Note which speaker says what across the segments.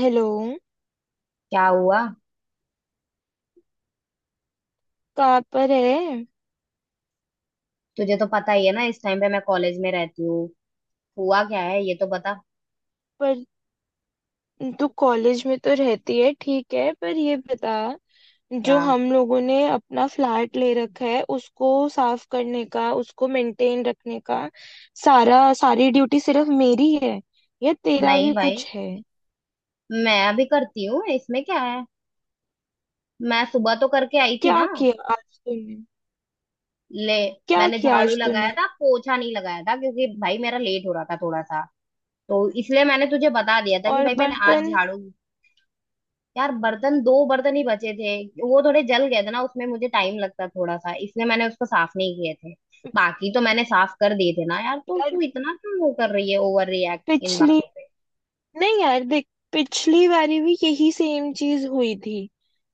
Speaker 1: Hello.
Speaker 2: क्या हुआ।
Speaker 1: कहाँ पर है?
Speaker 2: तुझे तो पता ही है ना, इस टाइम पे मैं कॉलेज में रहती हूँ। हुआ क्या है ये तो बता।
Speaker 1: पर तू कॉलेज में तो रहती है, ठीक है, पर ये बता। जो
Speaker 2: क्या?
Speaker 1: हम लोगों ने अपना फ्लैट ले रखा है उसको साफ करने का, उसको मेंटेन रखने का सारा सारी ड्यूटी सिर्फ मेरी है, या तेरा
Speaker 2: नहीं
Speaker 1: भी
Speaker 2: भाई,
Speaker 1: कुछ है?
Speaker 2: मैं अभी करती हूँ, इसमें क्या है। मैं सुबह तो करके आई थी
Speaker 1: क्या
Speaker 2: ना।
Speaker 1: किया आज तूने?
Speaker 2: ले,
Speaker 1: क्या
Speaker 2: मैंने
Speaker 1: किया
Speaker 2: झाड़ू
Speaker 1: आज
Speaker 2: लगाया
Speaker 1: तूने?
Speaker 2: था, पोछा नहीं लगाया था क्योंकि भाई मेरा लेट हो रहा था थोड़ा सा। तो इसलिए मैंने तुझे बता दिया था कि
Speaker 1: और
Speaker 2: भाई मैंने आज
Speaker 1: बर्तन?
Speaker 2: झाड़ू। यार, बर्तन दो बर्तन ही बचे थे, वो थोड़े जल गए थे ना, उसमें मुझे टाइम लगता थोड़ा सा, इसलिए मैंने उसको साफ नहीं किए थे। बाकी तो मैंने साफ कर दिए थे ना यार, तो
Speaker 1: यार,
Speaker 2: तू इतना क्यों वो कर रही है, ओवर रिएक्ट इन
Speaker 1: पिछली
Speaker 2: बातों पे।
Speaker 1: नहीं यार, देख, पिछली बारी भी यही सेम चीज हुई थी,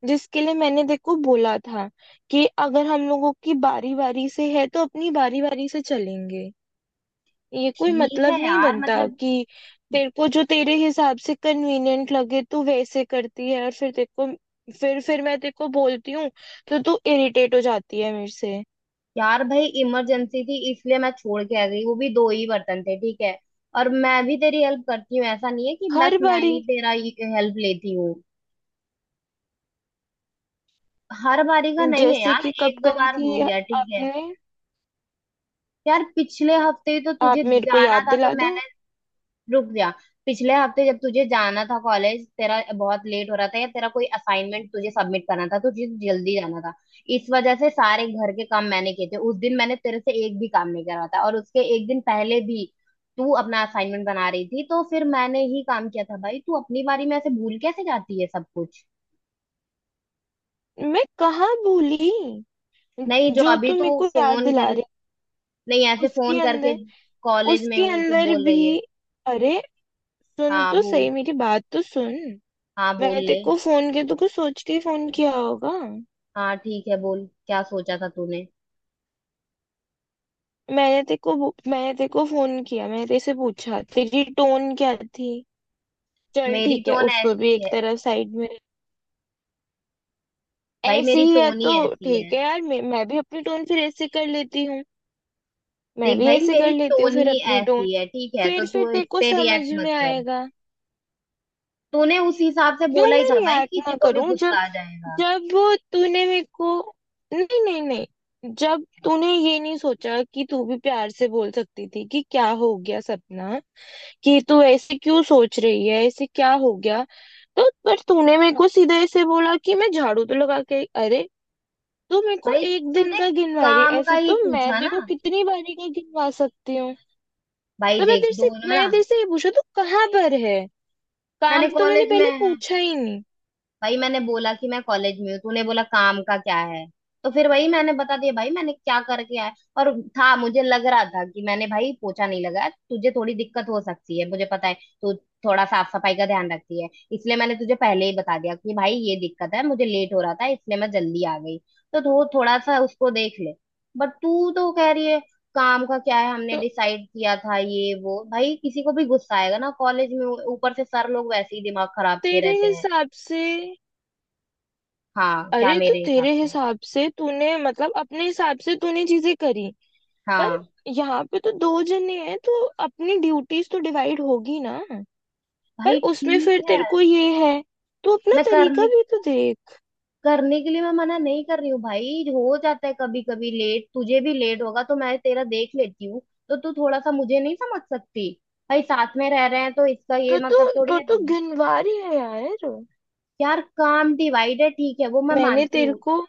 Speaker 1: जिसके लिए मैंने देखो बोला था कि अगर हम लोगों की बारी बारी से है तो अपनी बारी बारी से चलेंगे। ये कोई
Speaker 2: ठीक
Speaker 1: मतलब
Speaker 2: है
Speaker 1: नहीं
Speaker 2: यार,
Speaker 1: बनता
Speaker 2: मतलब,
Speaker 1: कि तेरे को जो तेरे हिसाब से कन्वीनियंट लगे तू वैसे करती है, और फिर तेरे को फिर मैं तेरे को बोलती हूँ तो तू इरिटेट हो जाती है मेरे से।
Speaker 2: यार भाई इमरजेंसी थी इसलिए मैं छोड़ के आ गई, वो भी दो ही बर्तन थे, ठीक है। और मैं भी तेरी हेल्प करती हूँ, ऐसा नहीं है कि बस
Speaker 1: हर
Speaker 2: मैं
Speaker 1: बारी।
Speaker 2: ही तेरा हेल्प लेती हूँ। हर बारी का नहीं है
Speaker 1: जैसे
Speaker 2: यार,
Speaker 1: कि कब
Speaker 2: एक दो
Speaker 1: करी
Speaker 2: बार हो
Speaker 1: थी
Speaker 2: गया, ठीक है।
Speaker 1: आपने?
Speaker 2: यार पिछले हफ्ते ही तो तुझे
Speaker 1: आप मेरे को
Speaker 2: जाना
Speaker 1: याद
Speaker 2: था तो
Speaker 1: दिला दो।
Speaker 2: मैंने। रुक जा। पिछले हफ्ते जब तुझे जाना था कॉलेज, तेरा बहुत लेट हो रहा था या तेरा कोई असाइनमेंट तुझे सबमिट करना था तो तुझे जल्दी जाना था। इस वजह से सारे घर के काम मैंने किए थे, उस दिन मैंने तेरे से एक भी काम नहीं करवाया था। और उसके एक दिन पहले भी तू अपना असाइनमेंट बना रही थी तो फिर मैंने ही काम किया था भाई। तू अपनी बारी में ऐसे भूल कैसे जाती है सब कुछ।
Speaker 1: मैं कहाँ भूली?
Speaker 2: नहीं, जो
Speaker 1: जो
Speaker 2: अभी
Speaker 1: तुम मेरे
Speaker 2: तू
Speaker 1: को याद
Speaker 2: फोन
Speaker 1: दिला
Speaker 2: कर,
Speaker 1: रहे
Speaker 2: नहीं,
Speaker 1: हो,
Speaker 2: ऐसे
Speaker 1: उसके
Speaker 2: फोन करके,
Speaker 1: अंदर
Speaker 2: कॉलेज में
Speaker 1: उसके
Speaker 2: हूँ, तू
Speaker 1: अंदर
Speaker 2: बोल रही है।
Speaker 1: भी। अरे, सुन
Speaker 2: हाँ
Speaker 1: तो सही,
Speaker 2: बोल।
Speaker 1: मेरी बात तो सुन।
Speaker 2: हाँ बोल
Speaker 1: मैंने तेरे
Speaker 2: ले।
Speaker 1: को फोन किया तो कुछ सोच के फोन किया होगा।
Speaker 2: हाँ ठीक है, बोल, क्या सोचा था तूने।
Speaker 1: मैंने तेरे को फोन किया, मैंने तेरे से पूछा, तेरी टोन क्या थी। चल,
Speaker 2: मेरी
Speaker 1: ठीक है,
Speaker 2: टोन
Speaker 1: उसको भी
Speaker 2: ऐसी
Speaker 1: एक
Speaker 2: है।
Speaker 1: तरफ साइड में रख।
Speaker 2: भाई
Speaker 1: ऐसे
Speaker 2: मेरी
Speaker 1: ही है
Speaker 2: टोन ही
Speaker 1: तो
Speaker 2: ऐसी है।
Speaker 1: ठीक है यार, मैं भी अपनी टोन फिर ऐसे कर लेती हूँ। मैं
Speaker 2: देख
Speaker 1: भी
Speaker 2: भाई,
Speaker 1: ऐसे कर
Speaker 2: मेरी
Speaker 1: लेती हूँ
Speaker 2: टोन
Speaker 1: फिर
Speaker 2: ही
Speaker 1: अपनी टोन।
Speaker 2: ऐसी है ठीक है, तो
Speaker 1: फिर
Speaker 2: तू इस
Speaker 1: तेरे को
Speaker 2: पे
Speaker 1: समझ
Speaker 2: रिएक्ट
Speaker 1: में
Speaker 2: मत कर।
Speaker 1: आएगा।
Speaker 2: तूने उस हिसाब से
Speaker 1: क्यों
Speaker 2: बोला ही
Speaker 1: मैं
Speaker 2: था भाई,
Speaker 1: रिएक्ट
Speaker 2: किसी
Speaker 1: ना
Speaker 2: को भी
Speaker 1: करूं? जब
Speaker 2: गुस्सा आ जाएगा।
Speaker 1: जब तूने मेरे को नहीं, नहीं, नहीं, जब तूने ये नहीं सोचा कि तू भी प्यार से बोल सकती थी कि क्या हो गया सपना, कि तू ऐसे क्यों सोच रही है, ऐसे क्या हो गया। तो पर तूने मेरे को सीधे ऐसे बोला कि मैं झाड़ू तो लगा के, अरे, तू मेरे को
Speaker 2: भाई
Speaker 1: एक दिन
Speaker 2: तूने
Speaker 1: का गिनवा रही है।
Speaker 2: काम का
Speaker 1: ऐसे
Speaker 2: ही
Speaker 1: तो मैं
Speaker 2: पूछा
Speaker 1: देखो
Speaker 2: ना।
Speaker 1: कितनी बारी का गिनवा सकती हूँ।
Speaker 2: भाई
Speaker 1: तो मैं
Speaker 2: देख,
Speaker 1: तेरे से
Speaker 2: दोनों ना,
Speaker 1: मैं तेरे से ये पूछा, तू कहाँ पर है?
Speaker 2: मैंने
Speaker 1: काम तो मैंने
Speaker 2: कॉलेज में,
Speaker 1: पहले पूछा ही नहीं।
Speaker 2: भाई मैंने बोला कि मैं कॉलेज में हूँ, तूने बोला काम का क्या है। तो फिर वही मैंने बता दिया भाई, मैंने क्या करके आया और था। मुझे लग रहा था कि मैंने भाई पोछा नहीं लगाया, तुझे थोड़ी दिक्कत हो सकती है, मुझे पता है तू थोड़ा साफ सफाई का ध्यान रखती है। इसलिए मैंने तुझे पहले ही बता दिया कि भाई ये दिक्कत है, मुझे लेट हो रहा था इसलिए मैं जल्दी आ गई, तो थोड़ा सा उसको देख ले। बट तू तो कह रही है काम का क्या है, हमने
Speaker 1: तो
Speaker 2: डिसाइड किया था ये वो। भाई किसी को भी गुस्सा आएगा ना, कॉलेज में ऊपर से सर लोग वैसे ही दिमाग खराब किए
Speaker 1: तेरे
Speaker 2: रहते हैं।
Speaker 1: हिसाब से?
Speaker 2: हाँ क्या
Speaker 1: अरे, तो
Speaker 2: मेरे हिसाब
Speaker 1: तेरे
Speaker 2: से।
Speaker 1: हिसाब से तूने, मतलब, अपने हिसाब से तूने चीजें करी। पर
Speaker 2: हाँ।
Speaker 1: यहाँ पे तो दो जने हैं तो अपनी ड्यूटीज तो डिवाइड होगी ना। पर
Speaker 2: भाई
Speaker 1: उसमें
Speaker 2: ठीक
Speaker 1: फिर
Speaker 2: है,
Speaker 1: तेरे को ये है, तो अपना
Speaker 2: मैं
Speaker 1: तरीका
Speaker 2: करने
Speaker 1: भी तो देख।
Speaker 2: करने के लिए मैं मना नहीं कर रही हूँ भाई, हो जाता है कभी कभी लेट, तुझे भी लेट होगा तो मैं तेरा देख लेती हूँ। तो तू थोड़ा सा मुझे नहीं समझ सकती। भाई साथ में रह रहे हैं तो इसका ये
Speaker 1: तो तो
Speaker 2: मतलब थोड़ी
Speaker 1: तो
Speaker 2: है।
Speaker 1: तो गिनवारी है यार।
Speaker 2: यार काम डिवाइड है ठीक है, वो मैं
Speaker 1: मैंने
Speaker 2: मानती
Speaker 1: तेरे
Speaker 2: हूँ।
Speaker 1: को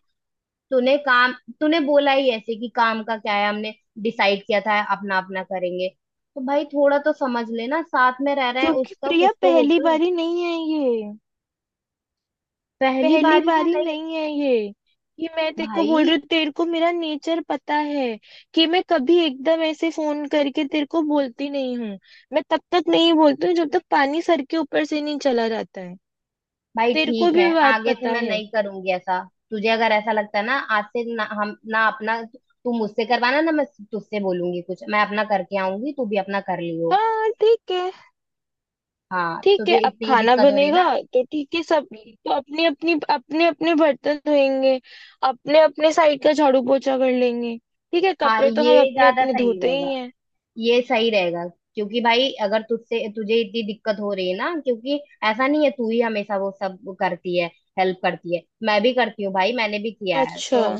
Speaker 2: तूने काम, तूने बोला ही ऐसे कि काम का क्या है, हमने डिसाइड किया था अपना अपना करेंगे। तो भाई थोड़ा तो समझ लेना, साथ में रह रहे हैं
Speaker 1: क्योंकि,
Speaker 2: उसका
Speaker 1: प्रिया,
Speaker 2: कुछ तो वो
Speaker 1: पहली
Speaker 2: कर।
Speaker 1: बारी नहीं है ये।
Speaker 2: पहली
Speaker 1: पहली
Speaker 2: बारी का
Speaker 1: बारी
Speaker 2: नहीं
Speaker 1: नहीं है ये, कि मैं तेरे को
Speaker 2: भाई।
Speaker 1: बोल रही हूँ। तेरे को मेरा नेचर पता है कि मैं कभी एकदम ऐसे फोन करके तेरे को बोलती नहीं हूँ। मैं तब तक नहीं बोलती हूँ जब तक पानी सर के ऊपर से नहीं चला जाता है।
Speaker 2: भाई
Speaker 1: तेरे को
Speaker 2: ठीक है,
Speaker 1: भी बात
Speaker 2: आगे से
Speaker 1: पता
Speaker 2: मैं
Speaker 1: है।
Speaker 2: नहीं करूंगी ऐसा। तुझे अगर ऐसा लगता है ना, आज से ना हम ना अपना, तू मुझसे करवाना ना, मैं तुझसे बोलूंगी कुछ, मैं अपना करके आऊंगी, तू भी अपना कर लियो।
Speaker 1: हाँ, ठीक है।
Speaker 2: हाँ,
Speaker 1: ठीक है,
Speaker 2: तुझे
Speaker 1: अब
Speaker 2: इतनी ही
Speaker 1: खाना
Speaker 2: दिक्कत हो रही है
Speaker 1: बनेगा,
Speaker 2: ना।
Speaker 1: तो ठीक है, सब तो अपने अपने बर्तन धोएंगे। अपने अपने साइड का झाड़ू पोछा कर लेंगे, ठीक है।
Speaker 2: हाँ,
Speaker 1: कपड़े तो हम
Speaker 2: ये
Speaker 1: अपने
Speaker 2: ज्यादा
Speaker 1: अपने
Speaker 2: सही
Speaker 1: धोते
Speaker 2: रहेगा।
Speaker 1: ही हैं।
Speaker 2: ये सही रहेगा क्योंकि भाई अगर तुझसे तुझे इतनी दिक्कत हो रही है ना, क्योंकि ऐसा नहीं है तू ही हमेशा वो सब करती है, हेल्प करती है, मैं भी करती हूँ भाई, मैंने भी किया है
Speaker 1: अच्छा।
Speaker 2: तो।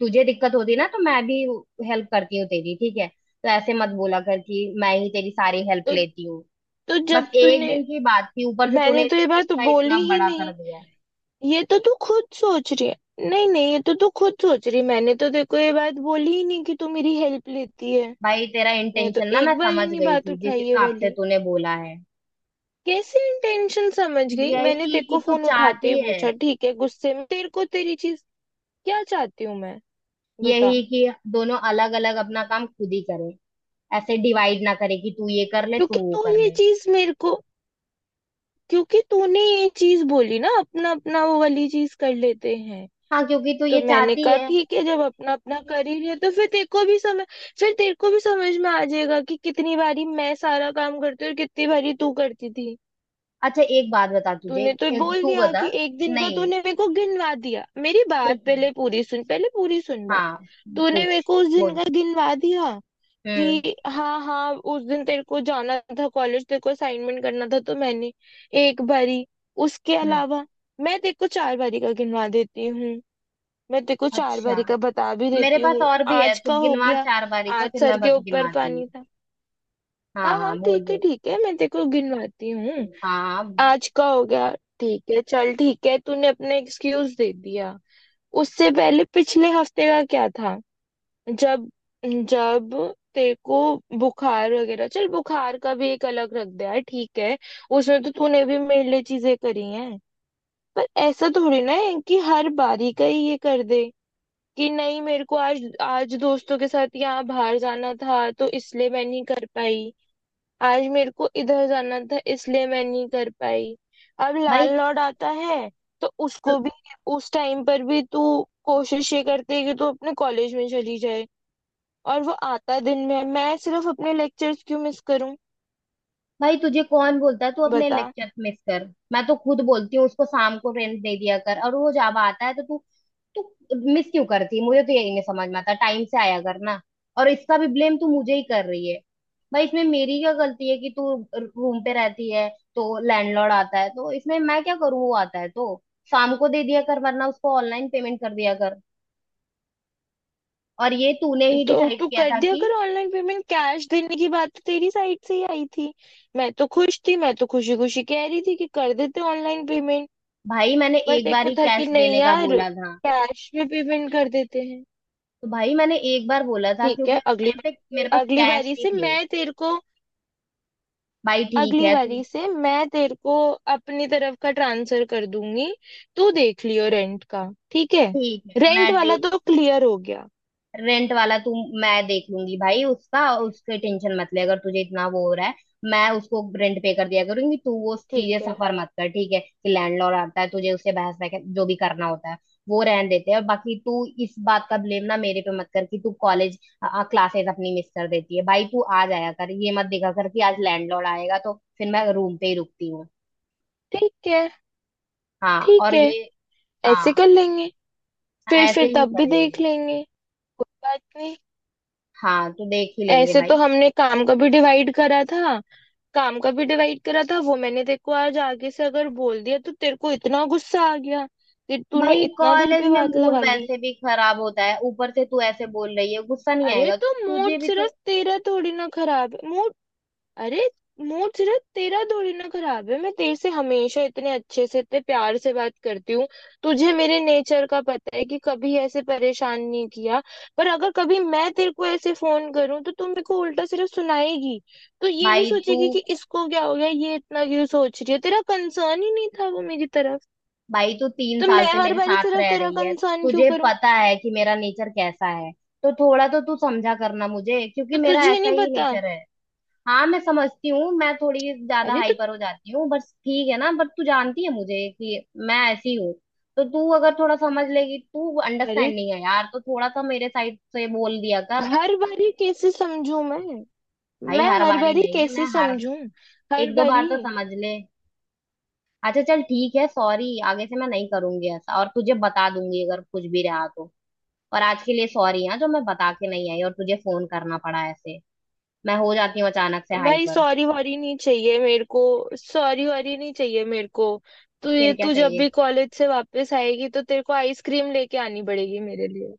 Speaker 2: तुझे दिक्कत होती ना तो मैं भी हेल्प करती हूँ तेरी, ठीक है। तो ऐसे मत बोला कर कि मैं ही तेरी सारी हेल्प
Speaker 1: तो
Speaker 2: लेती हूँ।
Speaker 1: तो जब
Speaker 2: बस
Speaker 1: तूने
Speaker 2: एक दिन की बात थी, ऊपर से तूने
Speaker 1: मैंने तो ये बात
Speaker 2: इसका
Speaker 1: बोली
Speaker 2: इतना
Speaker 1: ही
Speaker 2: बड़ा कर
Speaker 1: नहीं।
Speaker 2: दिया है।
Speaker 1: ये तो तू खुद सोच रही है। नहीं, नहीं, ये तो तू खुद सोच रही है, मैंने तो देखो ये बात बोली ही नहीं कि तू मेरी हेल्प लेती है।
Speaker 2: भाई तेरा
Speaker 1: मैं तो
Speaker 2: इंटेंशन ना मैं
Speaker 1: एक बार
Speaker 2: समझ
Speaker 1: ही नहीं
Speaker 2: गई
Speaker 1: बात
Speaker 2: थी जिस
Speaker 1: उठाई ये
Speaker 2: हिसाब से
Speaker 1: वाली।
Speaker 2: तूने बोला है।
Speaker 1: कैसे इंटेंशन समझ गई? मैंने
Speaker 2: यही
Speaker 1: तेरे को
Speaker 2: कि तू
Speaker 1: फोन उठाते
Speaker 2: चाहती
Speaker 1: ही
Speaker 2: है,
Speaker 1: पूछा, ठीक है, गुस्से में तेरे को तेरी चीज। क्या चाहती हूँ मैं, बता।
Speaker 2: यही कि दोनों अलग अलग अपना काम खुद ही करें, ऐसे डिवाइड ना करे कि तू ये कर ले तू
Speaker 1: क्योंकि
Speaker 2: वो
Speaker 1: तू
Speaker 2: कर
Speaker 1: ये
Speaker 2: ले।
Speaker 1: चीज मेरे को क्योंकि तूने ये चीज बोली ना, अपना अपना वो वाली चीज कर लेते हैं।
Speaker 2: हाँ, क्योंकि तू
Speaker 1: तो
Speaker 2: ये
Speaker 1: मैंने
Speaker 2: चाहती
Speaker 1: कहा,
Speaker 2: है।
Speaker 1: ठीक है, जब अपना अपना कर ही रहे, तो फिर तेरे को भी समझ में आ जाएगा कि कितनी बारी मैं सारा काम करती हूँ और कितनी बारी तू करती थी।
Speaker 2: अच्छा एक बात बता तुझे।
Speaker 1: तूने तो बोल
Speaker 2: तू
Speaker 1: दिया
Speaker 2: बता।
Speaker 1: कि एक दिन का
Speaker 2: नहीं।
Speaker 1: तूने मेरे को गिनवा दिया। मेरी बात
Speaker 2: ठीक है।
Speaker 1: पहले पूरी सुन, पहले पूरी सुन बात।
Speaker 2: हाँ।
Speaker 1: तूने
Speaker 2: पूछ।
Speaker 1: मेरे को उस दिन
Speaker 2: बोल।
Speaker 1: का गिनवा दिया
Speaker 2: हम्म।
Speaker 1: कि हाँ हाँ उस दिन तेरे को जाना था कॉलेज, तेरे को असाइनमेंट करना था तो मैंने। एक बारी। उसके
Speaker 2: हम्म।
Speaker 1: अलावा मैं तेरे को चार बारी का गिनवा देती हूँ। मैं तेरे को चार
Speaker 2: अच्छा,
Speaker 1: बारी का बता भी
Speaker 2: मेरे
Speaker 1: देती
Speaker 2: पास
Speaker 1: हूँ,
Speaker 2: और भी है,
Speaker 1: आज
Speaker 2: तू
Speaker 1: का हो
Speaker 2: गिनवा
Speaker 1: गया।
Speaker 2: 4 बारी का,
Speaker 1: आज
Speaker 2: फिर
Speaker 1: सर
Speaker 2: मैं
Speaker 1: के ऊपर
Speaker 2: गिनवाती हूँ।
Speaker 1: पानी था।
Speaker 2: हाँ
Speaker 1: हाँ हाँ,
Speaker 2: हाँ बोल
Speaker 1: ठीक है
Speaker 2: बोल।
Speaker 1: ठीक है, मैं तेरे को गिनवाती हूँ।
Speaker 2: हाँ।
Speaker 1: आज का हो गया। ठीक है, चल ठीक है, तूने अपने एक्सक्यूज दे दिया। उससे पहले पिछले हफ्ते का क्या था? जब जब तेरे को बुखार वगैरह, चल बुखार का भी एक अलग रख दिया है, ठीक है। उसमें तो तूने भी मेरे लिए चीजें करी हैं, पर ऐसा थोड़ी ना है कि हर बारी का ही ये कर दे, कि नहीं, मेरे को आज आज दोस्तों के साथ यहाँ बाहर जाना था तो इसलिए मैं नहीं कर पाई, आज मेरे को इधर जाना था इसलिए मैं नहीं कर पाई। अब
Speaker 2: भाई।
Speaker 1: लैंडलॉर्ड आता है, तो उसको भी, उस टाइम पर भी तू कोशिश ये करती है कि तू अपने कॉलेज में चली जाए, और वो आता दिन में है। मैं सिर्फ अपने लेक्चर्स क्यों मिस करूं?
Speaker 2: भाई तुझे कौन बोलता है तू अपने
Speaker 1: बता।
Speaker 2: लेक्चर मिस कर। मैं तो खुद बोलती हूँ उसको शाम को रेंट दे दिया कर, और वो जब आता है तो तू, तू मिस क्यों करती है, मुझे तो यही नहीं समझ में आता, टाइम से आया कर ना। और इसका भी ब्लेम तू मुझे ही कर रही है। भाई इसमें मेरी क्या गलती है कि तू रूम पे रहती है तो लैंडलॉर्ड आता है, तो इसमें मैं क्या करूँ। वो आता है तो शाम को दे दिया कर, वरना उसको ऑनलाइन पेमेंट कर दिया कर। और ये तूने ही
Speaker 1: तो
Speaker 2: डिसाइड
Speaker 1: तू
Speaker 2: किया
Speaker 1: कर
Speaker 2: था
Speaker 1: दिया
Speaker 2: कि,
Speaker 1: कर ऑनलाइन पेमेंट, कैश देने की बात तो तेरी साइड से ही आई थी। मैं तो खुश थी, मैं तो खुशी खुशी कह रही थी कि कर देते ऑनलाइन पेमेंट।
Speaker 2: भाई मैंने
Speaker 1: पर
Speaker 2: एक बार
Speaker 1: देखो,
Speaker 2: ही
Speaker 1: था कि
Speaker 2: कैश
Speaker 1: नहीं
Speaker 2: देने का
Speaker 1: यार,
Speaker 2: बोला था।
Speaker 1: कैश में पेमेंट कर देते हैं।
Speaker 2: तो भाई मैंने एक बार बोला था
Speaker 1: ठीक है,
Speaker 2: क्योंकि उस
Speaker 1: अगली
Speaker 2: टाइम पे मेरे पास
Speaker 1: अगली
Speaker 2: कैश
Speaker 1: बारी
Speaker 2: ही
Speaker 1: से
Speaker 2: थे।
Speaker 1: मैं तेरे को
Speaker 2: भाई ठीक
Speaker 1: अगली
Speaker 2: है तू,
Speaker 1: बारी से मैं तेरे को अपनी तरफ का ट्रांसफर कर दूंगी, तू देख लियो रेंट का, ठीक है।
Speaker 2: ठीक है। मैं
Speaker 1: रेंट
Speaker 2: दे,
Speaker 1: वाला तो क्लियर हो गया।
Speaker 2: रेंट वाला तू, मैं देख लूंगी भाई उसका, उसके टेंशन मत ले अगर तुझे इतना वो हो रहा है। मैं उसको रेंट पे कर दिया करूंगी, तू वो चीजें
Speaker 1: ठीक है,
Speaker 2: सफर मत कर, ठीक है, कि लैंडलॉर्ड आता है तुझे उससे बहस वह जो भी करना होता है, वो रहने देते हैं। और बाकी तू इस बात का ब्लेम ना मेरे पे मत कर कि तू कॉलेज क्लासेस अपनी मिस कर देती है। भाई तू आ जाया कर, ये मत दिखा कर कि आज लैंडलॉर्ड आएगा तो फिर मैं रूम पे ही रुकती हूँ।
Speaker 1: ठीक है,
Speaker 2: हाँ
Speaker 1: ठीक
Speaker 2: और
Speaker 1: है,
Speaker 2: ये।
Speaker 1: ऐसे
Speaker 2: हाँ।
Speaker 1: कर लेंगे, फिर
Speaker 2: ऐसे
Speaker 1: फिर
Speaker 2: ही
Speaker 1: तब भी
Speaker 2: कर
Speaker 1: देख
Speaker 2: लेंगे।
Speaker 1: लेंगे, कोई बात नहीं।
Speaker 2: हाँ तो देख ही लेंगे
Speaker 1: ऐसे तो
Speaker 2: भाई।
Speaker 1: हमने काम का भी डिवाइड करा था। काम का भी डिवाइड करा था वो, मैंने तेरे को आज आगे से अगर बोल दिया तो तेरे को इतना गुस्सा आ गया कि तूने
Speaker 2: भाई
Speaker 1: इतना दिल
Speaker 2: कॉलेज
Speaker 1: पे
Speaker 2: में
Speaker 1: बात
Speaker 2: मूड
Speaker 1: लगा ली।
Speaker 2: वैसे भी खराब होता है, ऊपर से तू ऐसे बोल रही है, गुस्सा नहीं
Speaker 1: अरे,
Speaker 2: आएगा।
Speaker 1: तो मूड
Speaker 2: तुझे भी तो।
Speaker 1: सिर्फ तेरा थोड़ी ना खराब है, मूड। अरे, मूड सिर्फ तेरा थोड़ी ना खराब है। मैं तेरे से हमेशा इतने अच्छे से, इतने प्यार से बात करती हूँ, तुझे मेरे नेचर का पता है कि कभी ऐसे परेशान नहीं किया। पर अगर कभी मैं तेरे को ऐसे फोन करूँ, तो तू मेरे को उल्टा सिर्फ सुनाएगी, तो ये नहीं
Speaker 2: भाई तू
Speaker 1: सोचेगी कि इसको क्या हो गया, ये इतना क्यों सोच रही है? तेरा कंसर्न ही नहीं था वो, मेरी तरफ।
Speaker 2: भाई तू तीन
Speaker 1: तो
Speaker 2: साल
Speaker 1: मैं
Speaker 2: से
Speaker 1: हर
Speaker 2: मेरे
Speaker 1: बारी
Speaker 2: साथ
Speaker 1: सिर्फ
Speaker 2: रह
Speaker 1: तेरा
Speaker 2: रही है,
Speaker 1: कंसर्न क्यों
Speaker 2: तुझे
Speaker 1: करूँ?
Speaker 2: पता है कि मेरा नेचर कैसा है, तो थोड़ा तो तू समझा करना मुझे क्योंकि
Speaker 1: तो
Speaker 2: मेरा
Speaker 1: तुझे
Speaker 2: ऐसा
Speaker 1: नहीं
Speaker 2: ही
Speaker 1: पता?
Speaker 2: नेचर है। हाँ मैं समझती हूँ, मैं थोड़ी ज्यादा
Speaker 1: अरे तो
Speaker 2: हाइपर हो जाती हूँ बस, ठीक है ना, बट तू जानती है मुझे कि मैं ऐसी हूँ। तो तू अगर थोड़ा समझ लेगी, तू
Speaker 1: अरे,
Speaker 2: अंडरस्टैंडिंग है यार, तो थोड़ा सा मेरे साइड से बोल दिया कर।
Speaker 1: हर बारी कैसे समझू मैं?
Speaker 2: भाई
Speaker 1: मैं
Speaker 2: हर
Speaker 1: हर
Speaker 2: बार ही
Speaker 1: बारी
Speaker 2: नहीं है, मैं
Speaker 1: कैसे
Speaker 2: हर
Speaker 1: समझूं? हर
Speaker 2: एक दो बार
Speaker 1: बारी।
Speaker 2: तो समझ ले। अच्छा चल ठीक है, सॉरी। आगे से मैं नहीं करूंगी ऐसा, और तुझे बता दूंगी अगर कुछ भी रहा तो। और आज के लिए सॉरी हाँ, जो मैं बता के नहीं आई और तुझे फोन करना पड़ा ऐसे, मैं हो जाती हूँ अचानक से
Speaker 1: भाई,
Speaker 2: हाइपर।
Speaker 1: सॉरी वॉरी नहीं चाहिए मेरे को। सॉरी वॉरी नहीं चाहिए मेरे को। तू ये
Speaker 2: फिर क्या
Speaker 1: तू जब
Speaker 2: चाहिए।
Speaker 1: भी कॉलेज से वापस आएगी तो तेरे को आइसक्रीम लेके आनी पड़ेगी मेरे लिए।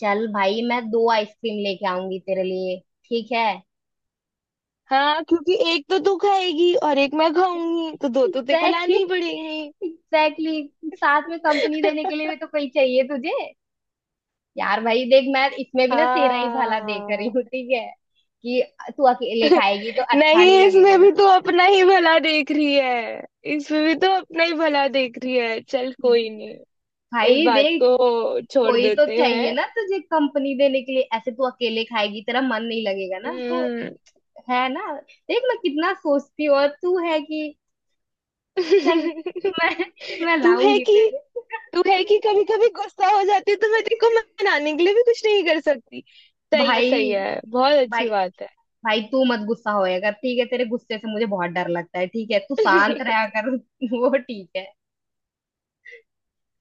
Speaker 2: चल भाई, मैं दो आइसक्रीम लेके आऊंगी तेरे लिए, ठीक है।
Speaker 1: हाँ, क्योंकि एक तो तू खाएगी और एक मैं खाऊंगी तो दो तो तेरे को
Speaker 2: एग्जैक्टली।
Speaker 1: लानी ही पड़ेंगी।
Speaker 2: एग्जैक्टली, साथ में कंपनी देने के लिए भी तो कोई चाहिए तुझे। यार भाई देख, मैं इसमें भी ना तेरा ही भला देख रही
Speaker 1: हाँ,
Speaker 2: हूँ, ठीक है, कि तू अकेले खाएगी तो अच्छा
Speaker 1: नहीं,
Speaker 2: नहीं लगेगा
Speaker 1: इसमें
Speaker 2: ना।
Speaker 1: भी तो अपना ही भला देख रही है। इसमें भी तो अपना ही भला देख रही है, चल कोई नहीं, इस
Speaker 2: भाई
Speaker 1: बात
Speaker 2: देख,
Speaker 1: को छोड़
Speaker 2: कोई तो
Speaker 1: देते
Speaker 2: चाहिए
Speaker 1: हैं।
Speaker 2: ना तुझे कंपनी देने के लिए, ऐसे तू अकेले खाएगी तेरा मन नहीं लगेगा ना तो,
Speaker 1: हम्म।
Speaker 2: है ना। देख मैं कितना सोचती हूँ और तू है कि। चल, मैं मैं
Speaker 1: तू है
Speaker 2: लाऊंगी
Speaker 1: कि
Speaker 2: तेरे।
Speaker 1: तू है कि कभी कभी गुस्सा हो जाती है तो मैं तेरे को मनाने के लिए भी कुछ नहीं कर सकती। सही है, सही
Speaker 2: भाई,
Speaker 1: है, बहुत
Speaker 2: भाई,
Speaker 1: अच्छी बात है।
Speaker 2: भाई तू मत गुस्सा होया कर ठीक है, तेरे गुस्से से मुझे बहुत डर लगता है ठीक है, तू शांत रहा कर वो ठीक है।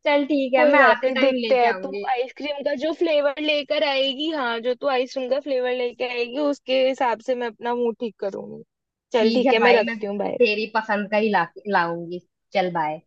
Speaker 2: चल ठीक है,
Speaker 1: कोई
Speaker 2: मैं
Speaker 1: बात
Speaker 2: आते
Speaker 1: नहीं,
Speaker 2: टाइम
Speaker 1: देखते
Speaker 2: लेके
Speaker 1: हैं, तू
Speaker 2: आऊंगी।
Speaker 1: आइसक्रीम का जो फ्लेवर लेकर आएगी, हाँ, जो तू आइसक्रीम का फ्लेवर लेकर आएगी उसके हिसाब से मैं अपना मुंह ठीक करूंगी। चल,
Speaker 2: ठीक है
Speaker 1: ठीक है, मैं
Speaker 2: भाई, मैं
Speaker 1: रखती हूँ, बाय।
Speaker 2: तेरी पसंद का ही ला लाऊंगी। चल बाय।